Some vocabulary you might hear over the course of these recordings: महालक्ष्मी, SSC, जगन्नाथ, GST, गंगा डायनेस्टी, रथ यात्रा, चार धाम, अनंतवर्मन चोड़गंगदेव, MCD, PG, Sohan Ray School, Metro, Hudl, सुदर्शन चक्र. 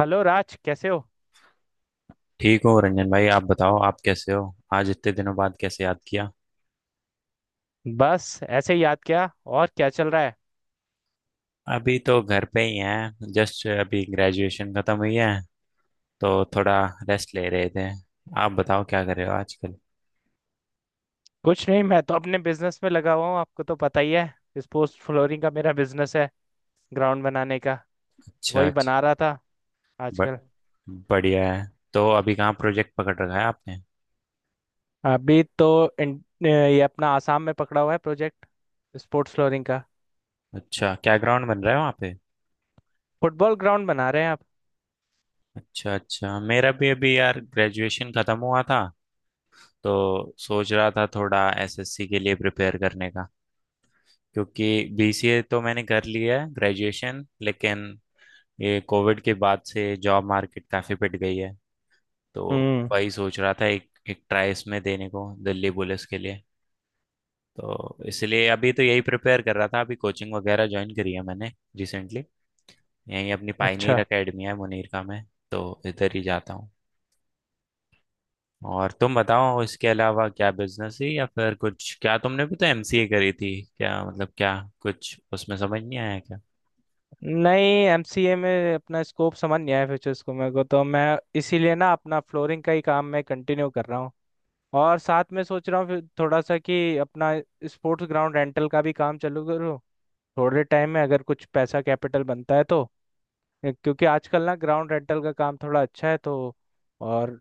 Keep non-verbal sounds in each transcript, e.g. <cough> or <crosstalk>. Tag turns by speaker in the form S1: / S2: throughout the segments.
S1: Hello Raj कैसे हो।
S2: ठीक हो रंजन भाई, आप बताओ आप कैसे हो। आज इतने दिनों बाद कैसे याद किया।
S1: बस ऐसे ही याद किया और क्या चल रहा है।
S2: अभी तो घर पे ही हैं, जस्ट अभी ग्रेजुएशन खत्म हुई है, तो थोड़ा रेस्ट ले रहे थे। आप बताओ क्या कर रहे हो आजकल।
S1: कुछ नहीं मैं तो अपने बिजनेस में लगा हुआ हूँ आपको तो पता ही है। स्पोर्ट्स फ्लोरिंग का मेरा बिजनेस है, ग्राउंड बनाने का।
S2: अच्छा अच्छा।
S1: वही बना रहा था
S2: ब-
S1: आजकल।
S2: बढ़िया है। तो अभी कहाँ प्रोजेक्ट पकड़ रखा है आपने।
S1: अभी तो ये अपना आसाम में पकड़ा हुआ है प्रोजेक्ट, स्पोर्ट्स फ्लोरिंग का।
S2: अच्छा, क्या ग्राउंड बन रहा है वहाँ पे।
S1: फुटबॉल ग्राउंड बना रहे हैं आप।
S2: अच्छा अच्छा, मेरा भी अभी यार ग्रेजुएशन खत्म हुआ था, तो सोच रहा था थोड़ा एसएससी के लिए प्रिपेयर करने का, क्योंकि बीसीए तो मैंने कर लिया है ग्रेजुएशन, लेकिन ये कोविड के बाद से जॉब मार्केट काफी पिट गई है। तो
S1: हम्म।
S2: वही सोच रहा था एक एक ट्राई इसमें देने को, दिल्ली पुलिस के लिए। तो इसलिए अभी तो यही प्रिपेयर कर रहा था, अभी कोचिंग वगैरह ज्वाइन करी है मैंने रिसेंटली। यही अपनी पाइनियर
S1: अच्छा।
S2: एकेडमी है मुनीरका में, तो इधर ही जाता हूँ। और तुम बताओ, इसके अलावा क्या बिजनेस है या फिर कुछ, क्या तुमने भी तो एमसीए करी थी, क्या मतलब, क्या कुछ उसमें समझ नहीं आया क्या।
S1: नहीं एमसीए में अपना स्कोप समझ नहीं आया फ्यूचर्स को मेरे को, तो मैं इसीलिए ना अपना फ्लोरिंग का ही काम मैं कंटिन्यू कर रहा हूँ। और साथ में सोच रहा हूँ फिर थोड़ा सा कि अपना स्पोर्ट्स ग्राउंड रेंटल का भी काम चालू करूँ थोड़े टाइम में, अगर कुछ पैसा कैपिटल बनता है तो। क्योंकि आजकल ना ग्राउंड रेंटल का काम थोड़ा अच्छा है तो। और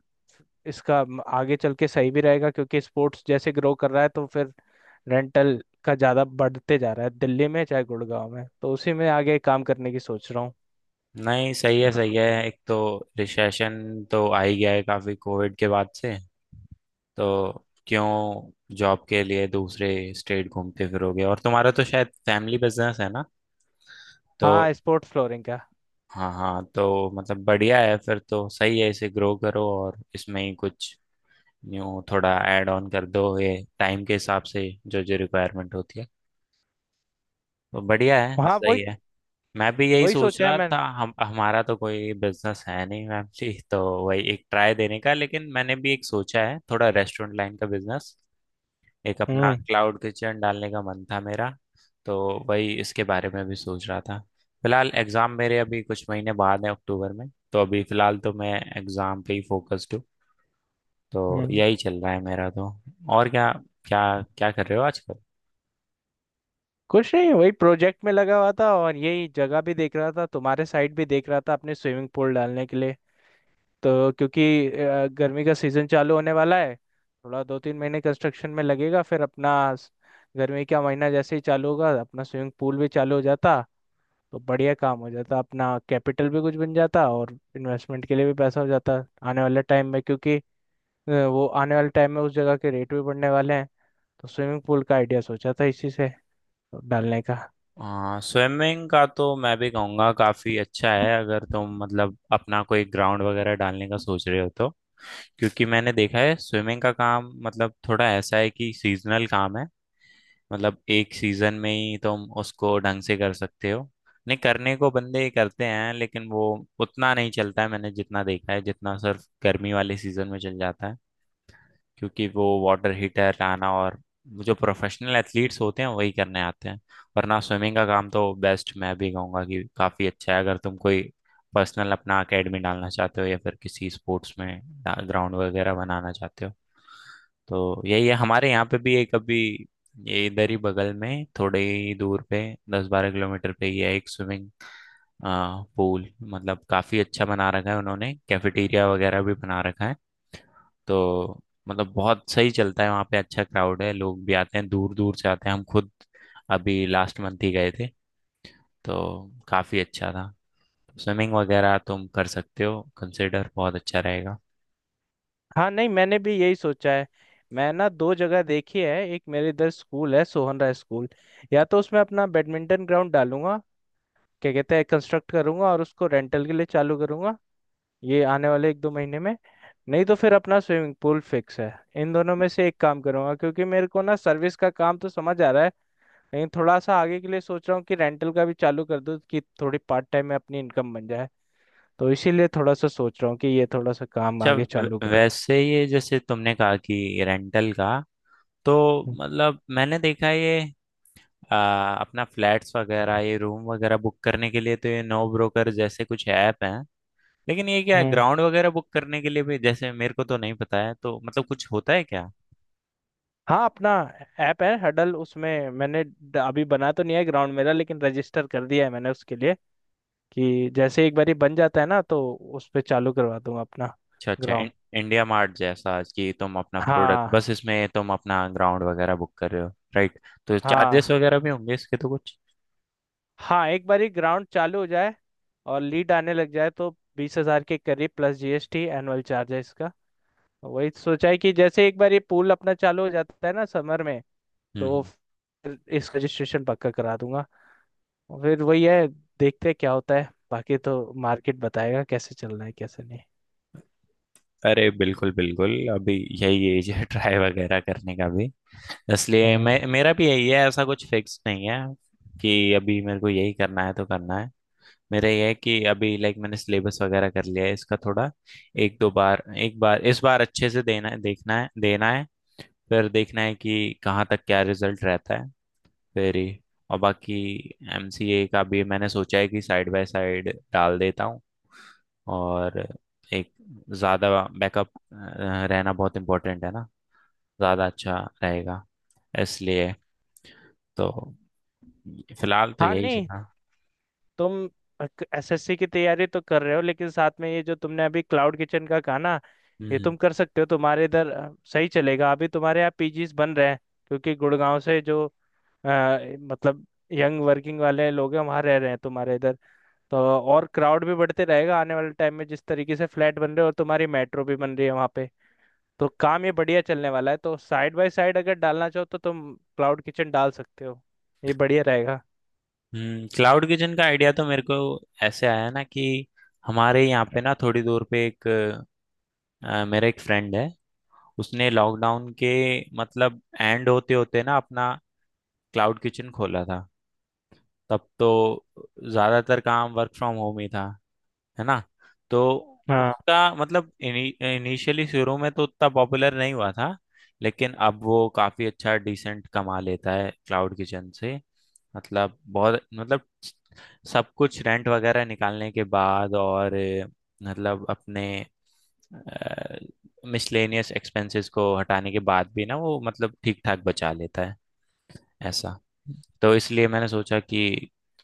S1: इसका आगे चल के सही भी रहेगा क्योंकि स्पोर्ट्स जैसे ग्रो कर रहा है तो फिर रेंटल का ज़्यादा बढ़ते जा रहा है दिल्ली में चाहे गुड़गांव में, तो उसी में आगे काम करने की सोच रहा हूँ।
S2: नहीं सही है सही है। एक तो रिसेशन तो आ ही गया है काफी कोविड के बाद से, तो क्यों जॉब के लिए दूसरे स्टेट घूमते फिरोगे, और तुम्हारा तो शायद फैमिली बिजनेस है ना, तो
S1: हाँ स्पोर्ट्स फ्लोरिंग का।
S2: हाँ हाँ, तो मतलब बढ़िया है, फिर तो सही है इसे ग्रो करो और इसमें ही कुछ न्यू थोड़ा ऐड ऑन कर दो, ये टाइम के हिसाब से जो जो रिक्वायरमेंट होती है। तो बढ़िया है
S1: हाँ वही।
S2: सही है। मैं भी यही
S1: वही
S2: सोच
S1: सोचा है
S2: रहा
S1: मैंने।
S2: था, हम हमारा तो कोई बिजनेस है नहीं मैम जी, तो वही एक ट्राई देने का। लेकिन मैंने भी एक सोचा है थोड़ा रेस्टोरेंट लाइन का बिजनेस, एक अपना
S1: हम्म।
S2: क्लाउड किचन डालने का मन था मेरा, तो वही इसके बारे में भी सोच रहा था। फिलहाल एग्ज़ाम मेरे अभी कुछ महीने बाद है अक्टूबर में, तो अभी फिलहाल तो मैं एग्ज़ाम पे ही फोकस्ड हूँ। तो
S1: हम्म।
S2: यही चल रहा है मेरा तो। और क्या, क्या, क्या कर रहे हो आजकल।
S1: कुछ नहीं वही प्रोजेक्ट में लगा हुआ था और यही जगह भी देख रहा था, तुम्हारे साइड भी देख रहा था अपने स्विमिंग पूल डालने के लिए। तो क्योंकि गर्मी का सीजन चालू होने वाला है, थोड़ा दो तीन महीने कंस्ट्रक्शन में लगेगा फिर अपना गर्मी का महीना जैसे ही चालू होगा अपना स्विमिंग पूल भी चालू हो जाता। तो बढ़िया काम हो जाता, अपना कैपिटल भी कुछ बन जाता और इन्वेस्टमेंट के लिए भी पैसा हो जाता आने वाले टाइम में। क्योंकि वो आने वाले टाइम में उस जगह के रेट भी बढ़ने वाले हैं। तो स्विमिंग पूल का आइडिया सोचा था इसी से डालने का।
S2: हाँ, स्विमिंग का तो मैं भी कहूँगा काफ़ी अच्छा है, अगर तुम मतलब अपना कोई ग्राउंड वगैरह डालने का सोच रहे हो तो। क्योंकि मैंने देखा है स्विमिंग का काम मतलब थोड़ा ऐसा है कि सीजनल काम है, मतलब एक सीजन में ही तुम उसको ढंग से कर सकते हो। नहीं, करने को बंदे ही करते हैं, लेकिन वो उतना नहीं चलता है मैंने जितना देखा है, जितना सिर्फ गर्मी वाले सीजन में चल जाता है, क्योंकि वो वाटर हीटर लाना, और जो प्रोफेशनल एथलीट्स होते हैं वही करने आते हैं। वरना स्विमिंग का काम तो बेस्ट, मैं भी कहूँगा कि काफ़ी अच्छा है, अगर तुम कोई पर्सनल अपना एकेडमी डालना चाहते हो या फिर किसी स्पोर्ट्स में ग्राउंड वगैरह बनाना चाहते हो। तो यही है, हमारे यहाँ पे भी एक अभी ये इधर ही बगल में थोड़े ही दूर पे, दस बारह किलोमीटर पे ही है, एक स्विमिंग पूल, मतलब काफ़ी अच्छा बना रखा है उन्होंने, कैफेटेरिया वगैरह भी बना रखा है। तो मतलब बहुत सही चलता है वहाँ पे, अच्छा क्राउड है, लोग भी आते हैं दूर दूर से आते हैं, हम खुद अभी लास्ट मंथ ही गए थे, तो काफ़ी अच्छा था। स्विमिंग वगैरह तुम कर सकते हो कंसिडर, बहुत अच्छा रहेगा।
S1: हाँ नहीं मैंने भी यही सोचा है। मैं ना दो जगह देखी है, एक मेरे इधर स्कूल है सोहन राय स्कूल, या तो उसमें अपना बैडमिंटन ग्राउंड डालूंगा, क्या कहते हैं कंस्ट्रक्ट करूंगा और उसको रेंटल के लिए चालू करूंगा ये आने वाले एक दो महीने में। नहीं तो फिर अपना स्विमिंग पूल फिक्स है। इन दोनों में से एक काम करूंगा क्योंकि मेरे को ना सर्विस का काम तो समझ आ रहा है लेकिन थोड़ा सा आगे के लिए सोच रहा हूँ कि रेंटल का भी चालू कर दूँ कि थोड़ी पार्ट टाइम में अपनी इनकम बन जाए। तो इसीलिए थोड़ा सा सोच रहा हूँ कि ये थोड़ा सा काम
S2: अच्छा,
S1: आगे चालू करो।
S2: वैसे ये जैसे तुमने कहा कि रेंटल का, तो मतलब मैंने देखा ये अपना फ्लैट्स वगैरह, ये रूम वगैरह बुक करने के लिए तो ये नो ब्रोकर जैसे कुछ ऐप हैं, लेकिन ये क्या है,
S1: हम्म।
S2: ग्राउंड वगैरह बुक करने के लिए भी जैसे मेरे को तो नहीं पता है, तो मतलब कुछ होता है क्या।
S1: हाँ अपना ऐप है हडल, उसमें मैंने अभी बना तो नहीं है ग्राउंड मेरा लेकिन रजिस्टर कर दिया है मैंने उसके लिए कि जैसे एक बार ही बन जाता है ना, तो उस पे चालू करवा दूंगा अपना
S2: अच्छा अच्छा।
S1: ग्राउंड।
S2: इंडिया मार्ट जैसा कि तुम अपना प्रोडक्ट, बस
S1: हाँ
S2: इसमें तुम अपना ग्राउंड वगैरह बुक कर रहे हो, राइट। तो
S1: हाँ।
S2: चार्जेस वगैरह भी होंगे इसके तो कुछ।
S1: हाँ एक बार ही ग्राउंड चालू हो जाए और लीड आने लग जाए तो। 20,000 के करीब प्लस जीएसटी एनुअल चार्ज है इसका। वही सोचा है कि जैसे एक बार ये पूल अपना चालू हो जाता है ना समर में,
S2: हम्म
S1: तो
S2: हम्म।
S1: फिर इस रजिस्ट्रेशन पक्का करा दूंगा। फिर वही है, देखते हैं क्या होता है, बाकी तो मार्केट बताएगा कैसे चलना है कैसे नहीं।
S2: अरे बिल्कुल बिल्कुल, अभी यही एज है ट्राई वगैरह करने का भी, इसलिए
S1: हम्म।
S2: मैं, मेरा भी यही है, ऐसा कुछ फिक्स नहीं है कि अभी मेरे को यही करना है तो करना है। मेरा ये है कि अभी लाइक मैंने सिलेबस वगैरह कर लिया है इसका थोड़ा, एक दो बार, एक बार इस बार अच्छे से देना, देखना है, देना है। फिर देखना है कि कहाँ तक क्या रिजल्ट रहता है, वेरी। और बाकी एमसीए का भी मैंने सोचा है कि साइड बाय साइड डाल देता हूँ, और एक ज़्यादा बैकअप रहना बहुत इम्पोर्टेंट है ना, ज़्यादा अच्छा रहेगा इसलिए। तो फिलहाल तो
S1: हाँ
S2: यही
S1: नहीं
S2: चला।
S1: तुम एसएससी की तैयारी तो कर रहे हो लेकिन साथ में ये जो तुमने अभी क्लाउड किचन का कहा ना, ये
S2: हम्म
S1: तुम कर सकते हो तुम्हारे इधर। सही चलेगा, अभी तुम्हारे यहाँ पीजीज बन रहे हैं क्योंकि गुड़गांव से जो अ, मतलब यंग वर्किंग वाले लोग हैं वहाँ रह रहे हैं तुम्हारे इधर। तो और क्राउड भी बढ़ते रहेगा आने वाले टाइम में जिस तरीके से फ्लैट बन रहे हैं और तुम्हारी मेट्रो भी बन रही है वहाँ पे। तो काम ये बढ़िया चलने वाला है, तो साइड बाय साइड अगर डालना चाहो तो तुम क्लाउड किचन डाल सकते हो, ये बढ़िया रहेगा।
S2: हम्म। क्लाउड किचन का आइडिया तो मेरे को ऐसे आया ना कि हमारे यहाँ पे ना थोड़ी दूर पे एक, मेरा एक फ्रेंड है, उसने लॉकडाउन के मतलब एंड होते होते ना अपना क्लाउड किचन खोला था। तब तो ज्यादातर काम वर्क फ्रॉम होम ही था, है ना, तो
S1: हाँ।
S2: उसका मतलब इनिशियली शुरू में तो उतना पॉपुलर नहीं हुआ था, लेकिन अब वो काफी अच्छा डिसेंट कमा लेता है क्लाउड किचन से, मतलब बहुत, मतलब सब कुछ रेंट वगैरह निकालने के बाद, और मतलब अपने मिसलेनियस एक्सपेंसेस को हटाने के बाद भी ना वो मतलब ठीक ठाक बचा लेता है ऐसा। तो इसलिए मैंने सोचा कि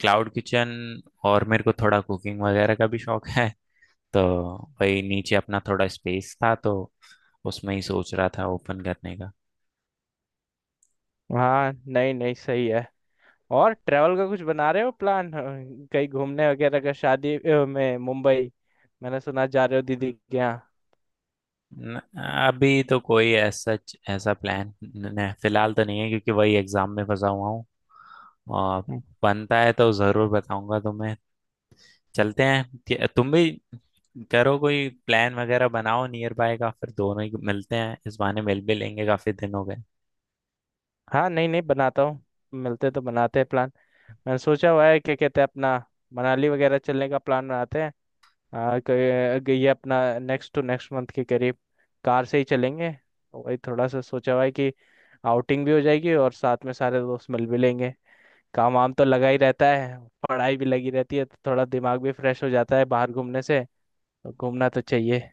S2: क्लाउड किचन, और मेरे को थोड़ा कुकिंग वगैरह का भी शौक है, तो वही नीचे अपना थोड़ा स्पेस था, तो उसमें ही सोच रहा था ओपन करने का।
S1: हाँ नहीं नहीं सही है। और ट्रैवल का कुछ बना रहे हो प्लान, कहीं घूमने वगैरह का, शादी में मुंबई मैंने सुना जा रहे हो दीदी के यहाँ।
S2: न- अभी तो कोई ऐसा ऐसा प्लान फिलहाल तो नहीं है, क्योंकि वही एग्जाम में फंसा हुआ हूँ, और
S1: हम्म।
S2: बनता है तो जरूर बताऊंगा तुम्हें। चलते हैं तुम भी करो कोई प्लान वगैरह बनाओ नियर बाय का, फिर दोनों ही मिलते हैं, इस बहाने मिल भी लेंगे काफी दिन हो गए।
S1: हाँ नहीं नहीं बनाता हूँ, मिलते तो बनाते हैं प्लान। मैंने सोचा हुआ है क्या कहते हैं अपना मनाली वगैरह चलने का प्लान बनाते हैं। हाँ ये अपना नेक्स्ट टू नेक्स्ट मंथ के करीब कार से ही चलेंगे, तो वही थोड़ा सा सोचा हुआ है कि आउटिंग भी हो जाएगी और साथ में सारे दोस्त मिल भी लेंगे। काम वाम तो लगा ही रहता है, पढ़ाई भी लगी रहती है, तो थोड़ा दिमाग भी फ्रेश हो जाता है बाहर घूमने से, तो घूमना तो चाहिए।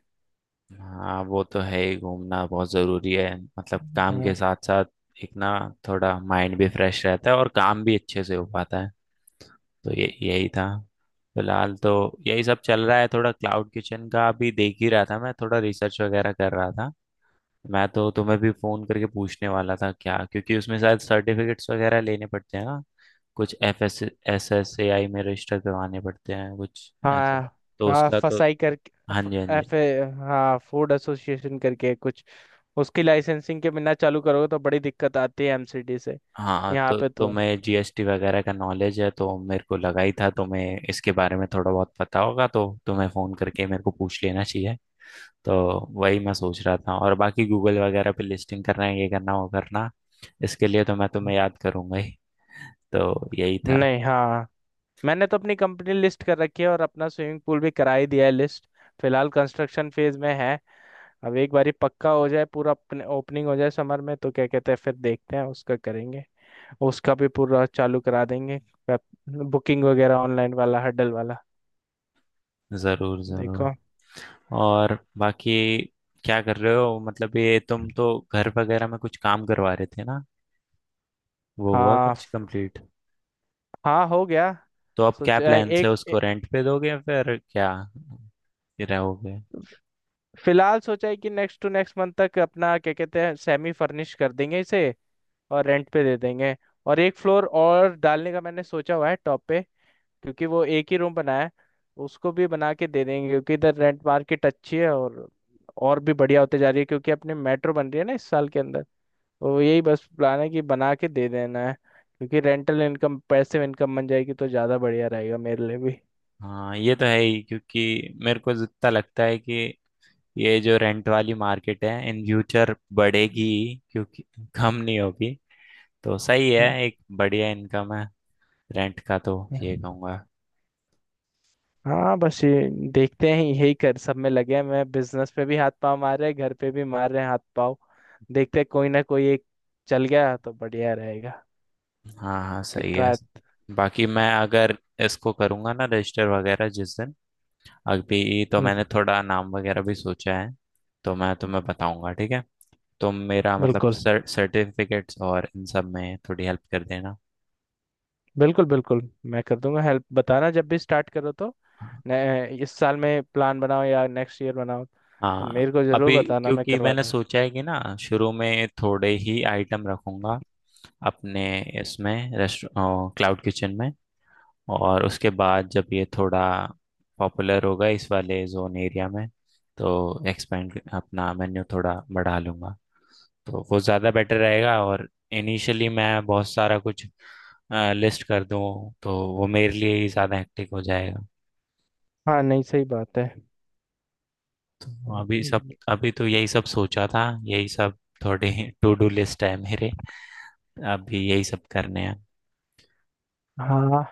S2: हाँ वो तो है ही, घूमना बहुत जरूरी है, मतलब काम के
S1: हम्म।
S2: साथ साथ एक ना थोड़ा माइंड भी फ्रेश रहता है और काम भी अच्छे से हो पाता है। तो ये यही था, फिलहाल तो यही सब चल रहा है, थोड़ा क्लाउड किचन का अभी देख ही रहा था, मैं थोड़ा रिसर्च वगैरह कर रहा था, मैं तो तुम्हें भी फोन करके पूछने वाला था क्या, क्योंकि उसमें शायद सर्टिफिकेट्स वगैरह लेने पड़ते हैं ना, कुछ F S S S A I में रजिस्टर करवाने पड़ते हैं कुछ ऐसे।
S1: हाँ
S2: तो
S1: हाँ
S2: उसका तो,
S1: फसाई करके
S2: हाँ
S1: एफ
S2: जी हाँ जी,
S1: एफ- ए, हाँ फूड एसोसिएशन करके कुछ। उसकी लाइसेंसिंग के बिना चालू करोगे तो बड़ी दिक्कत आती है एमसीडी से।
S2: हाँ
S1: यहाँ
S2: तो
S1: पे तो।
S2: तुम्हें जीएसटी वगैरह का नॉलेज है, तो मेरे को लगा ही था तुम्हें इसके बारे में थोड़ा बहुत पता होगा, तो तुम्हें फ़ोन करके मेरे को पूछ लेना चाहिए। तो वही मैं सोच रहा था, और बाकी गूगल वगैरह पे लिस्टिंग करना है, ये करना वो करना, इसके लिए तो मैं तुम्हें याद करूंगा ही। तो यही था।
S1: नहीं हाँ मैंने तो अपनी कंपनी लिस्ट कर रखी है और अपना स्विमिंग पूल भी करा ही दिया है लिस्ट। फिलहाल कंस्ट्रक्शन फेज में है। अब एक बारी पक्का हो जाए पूरा, ओपनिंग हो जाए समर में, तो क्या कहते हैं फिर देखते हैं उसका करेंगे, उसका भी पूरा चालू करा देंगे बुकिंग वगैरह ऑनलाइन वाला हडल वाला।
S2: ज़रूर
S1: देखो।
S2: ज़रूर। और बाकी क्या कर रहे हो, मतलब ये तुम तो घर वगैरह में कुछ काम करवा रहे थे ना, वो हुआ
S1: हाँ
S2: कुछ कंप्लीट।
S1: हाँ हो गया।
S2: तो अब क्या
S1: सोचा है
S2: प्लान्स है, उसको रेंट पे दोगे या फिर क्या, ये रहोगे।
S1: फिलहाल सोचा है कि नेक्स्ट टू नेक्स्ट मंथ तक अपना क्या कहते हैं सेमी फर्निश कर देंगे इसे, और रेंट पे दे देंगे। और एक फ्लोर और डालने का मैंने सोचा हुआ है टॉप पे क्योंकि वो एक ही रूम बना है, उसको भी बना के दे देंगे क्योंकि इधर रेंट मार्केट अच्छी है और भी बढ़िया होते जा रही है क्योंकि अपने मेट्रो बन रही है ना इस साल के अंदर। तो यही बस प्लान है कि बना के दे देना है, क्योंकि रेंटल इनकम पैसिव इनकम बन जाएगी तो ज़्यादा बढ़िया रहेगा मेरे लिए भी।
S2: हाँ ये तो है ही, क्योंकि मेरे को जितना लगता है कि ये जो रेंट वाली मार्केट है इन फ्यूचर बढ़ेगी ही, क्योंकि कम नहीं होगी, तो सही है, एक बढ़िया इनकम है रेंट का तो, ये कहूँगा।
S1: हाँ बस ये देखते हैं, यही कर सब में लगे हैं, मैं बिजनेस पे भी हाथ पाँव मार रहे हैं घर पे भी मार रहे हैं हाथ पाँव। देखते हैं कोई ना कोई एक चल गया तो बढ़िया रहेगा।
S2: हाँ हाँ सही है।
S1: ट्राई।
S2: बाकी मैं अगर इसको करूँगा ना रजिस्टर वगैरह जिस दिन, अभी तो मैंने थोड़ा नाम वगैरह भी सोचा है, तो मैं तुम्हें बताऊँगा ठीक है, तुम मेरा मतलब
S1: बिल्कुल।
S2: सर्टिफिकेट्स और इन सब में थोड़ी हेल्प कर देना।
S1: बिल्कुल बिल्कुल मैं कर दूंगा हेल्प, बताना जब भी स्टार्ट करो तो। इस साल में प्लान बनाओ या नेक्स्ट ईयर बनाओ तो
S2: हाँ
S1: मेरे को जरूर
S2: अभी,
S1: बताना मैं
S2: क्योंकि
S1: करवा
S2: मैंने
S1: दूँ।
S2: सोचा है कि ना शुरू में थोड़े ही आइटम रखूंगा अपने इसमें, रेस्ट क्लाउड किचन में, और उसके बाद जब ये थोड़ा पॉपुलर होगा इस वाले जोन एरिया में, तो एक्सपेंड अपना मेन्यू थोड़ा बढ़ा लूंगा, तो वो ज़्यादा बेटर रहेगा, और इनिशियली मैं बहुत सारा कुछ लिस्ट कर दूँ तो वो मेरे लिए ही ज़्यादा हेक्टिक हो जाएगा।
S1: हाँ नहीं सही बात है।
S2: तो अभी सब, अभी तो यही सब सोचा था, यही सब थोड़े <laughs> टू डू लिस्ट है मेरे, अभी यही सब करने हैं।
S1: हाँ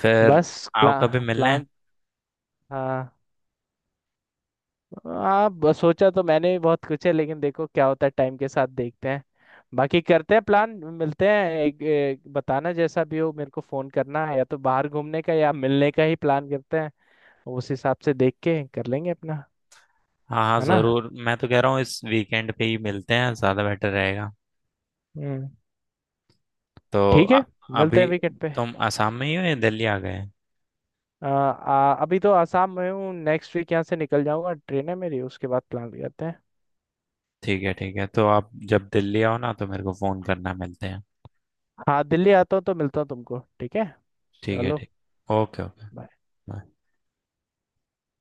S2: फिर
S1: बस।
S2: आओ कभी
S1: प्लान
S2: मिलने।
S1: प्लान। हाँ। हाँ बस सोचा तो मैंने भी बहुत कुछ है लेकिन देखो क्या होता है टाइम के साथ, देखते हैं। बाकी करते हैं प्लान, मिलते हैं एक बताना जैसा भी हो, मेरे को फोन करना है या तो बाहर घूमने का या मिलने का ही प्लान करते हैं। उस हिसाब से देख के कर लेंगे अपना।
S2: हाँ हाँ
S1: है ना।
S2: जरूर, मैं तो कह रहा हूँ इस वीकेंड पे ही मिलते हैं, ज्यादा बेटर रहेगा।
S1: हम्म।
S2: तो
S1: ठीक है। मिलते
S2: अभी
S1: हैं वीकेंड पे।
S2: तुम आसाम में ही हो या दिल्ली आ गए।
S1: आ, आ, अभी तो आसाम में हूँ नेक्स्ट वीक यहाँ से निकल जाऊंगा, ट्रेन है मेरी, उसके बाद प्लान करते हैं।
S2: ठीक है ठीक है, तो आप जब दिल्ली आओ ना तो मेरे को फोन करना, मिलते हैं।
S1: हाँ दिल्ली आता हूँ तो मिलता हूँ तुमको ठीक है।
S2: ठीक है
S1: चलो
S2: ठीक, ओके ओके।
S1: bye।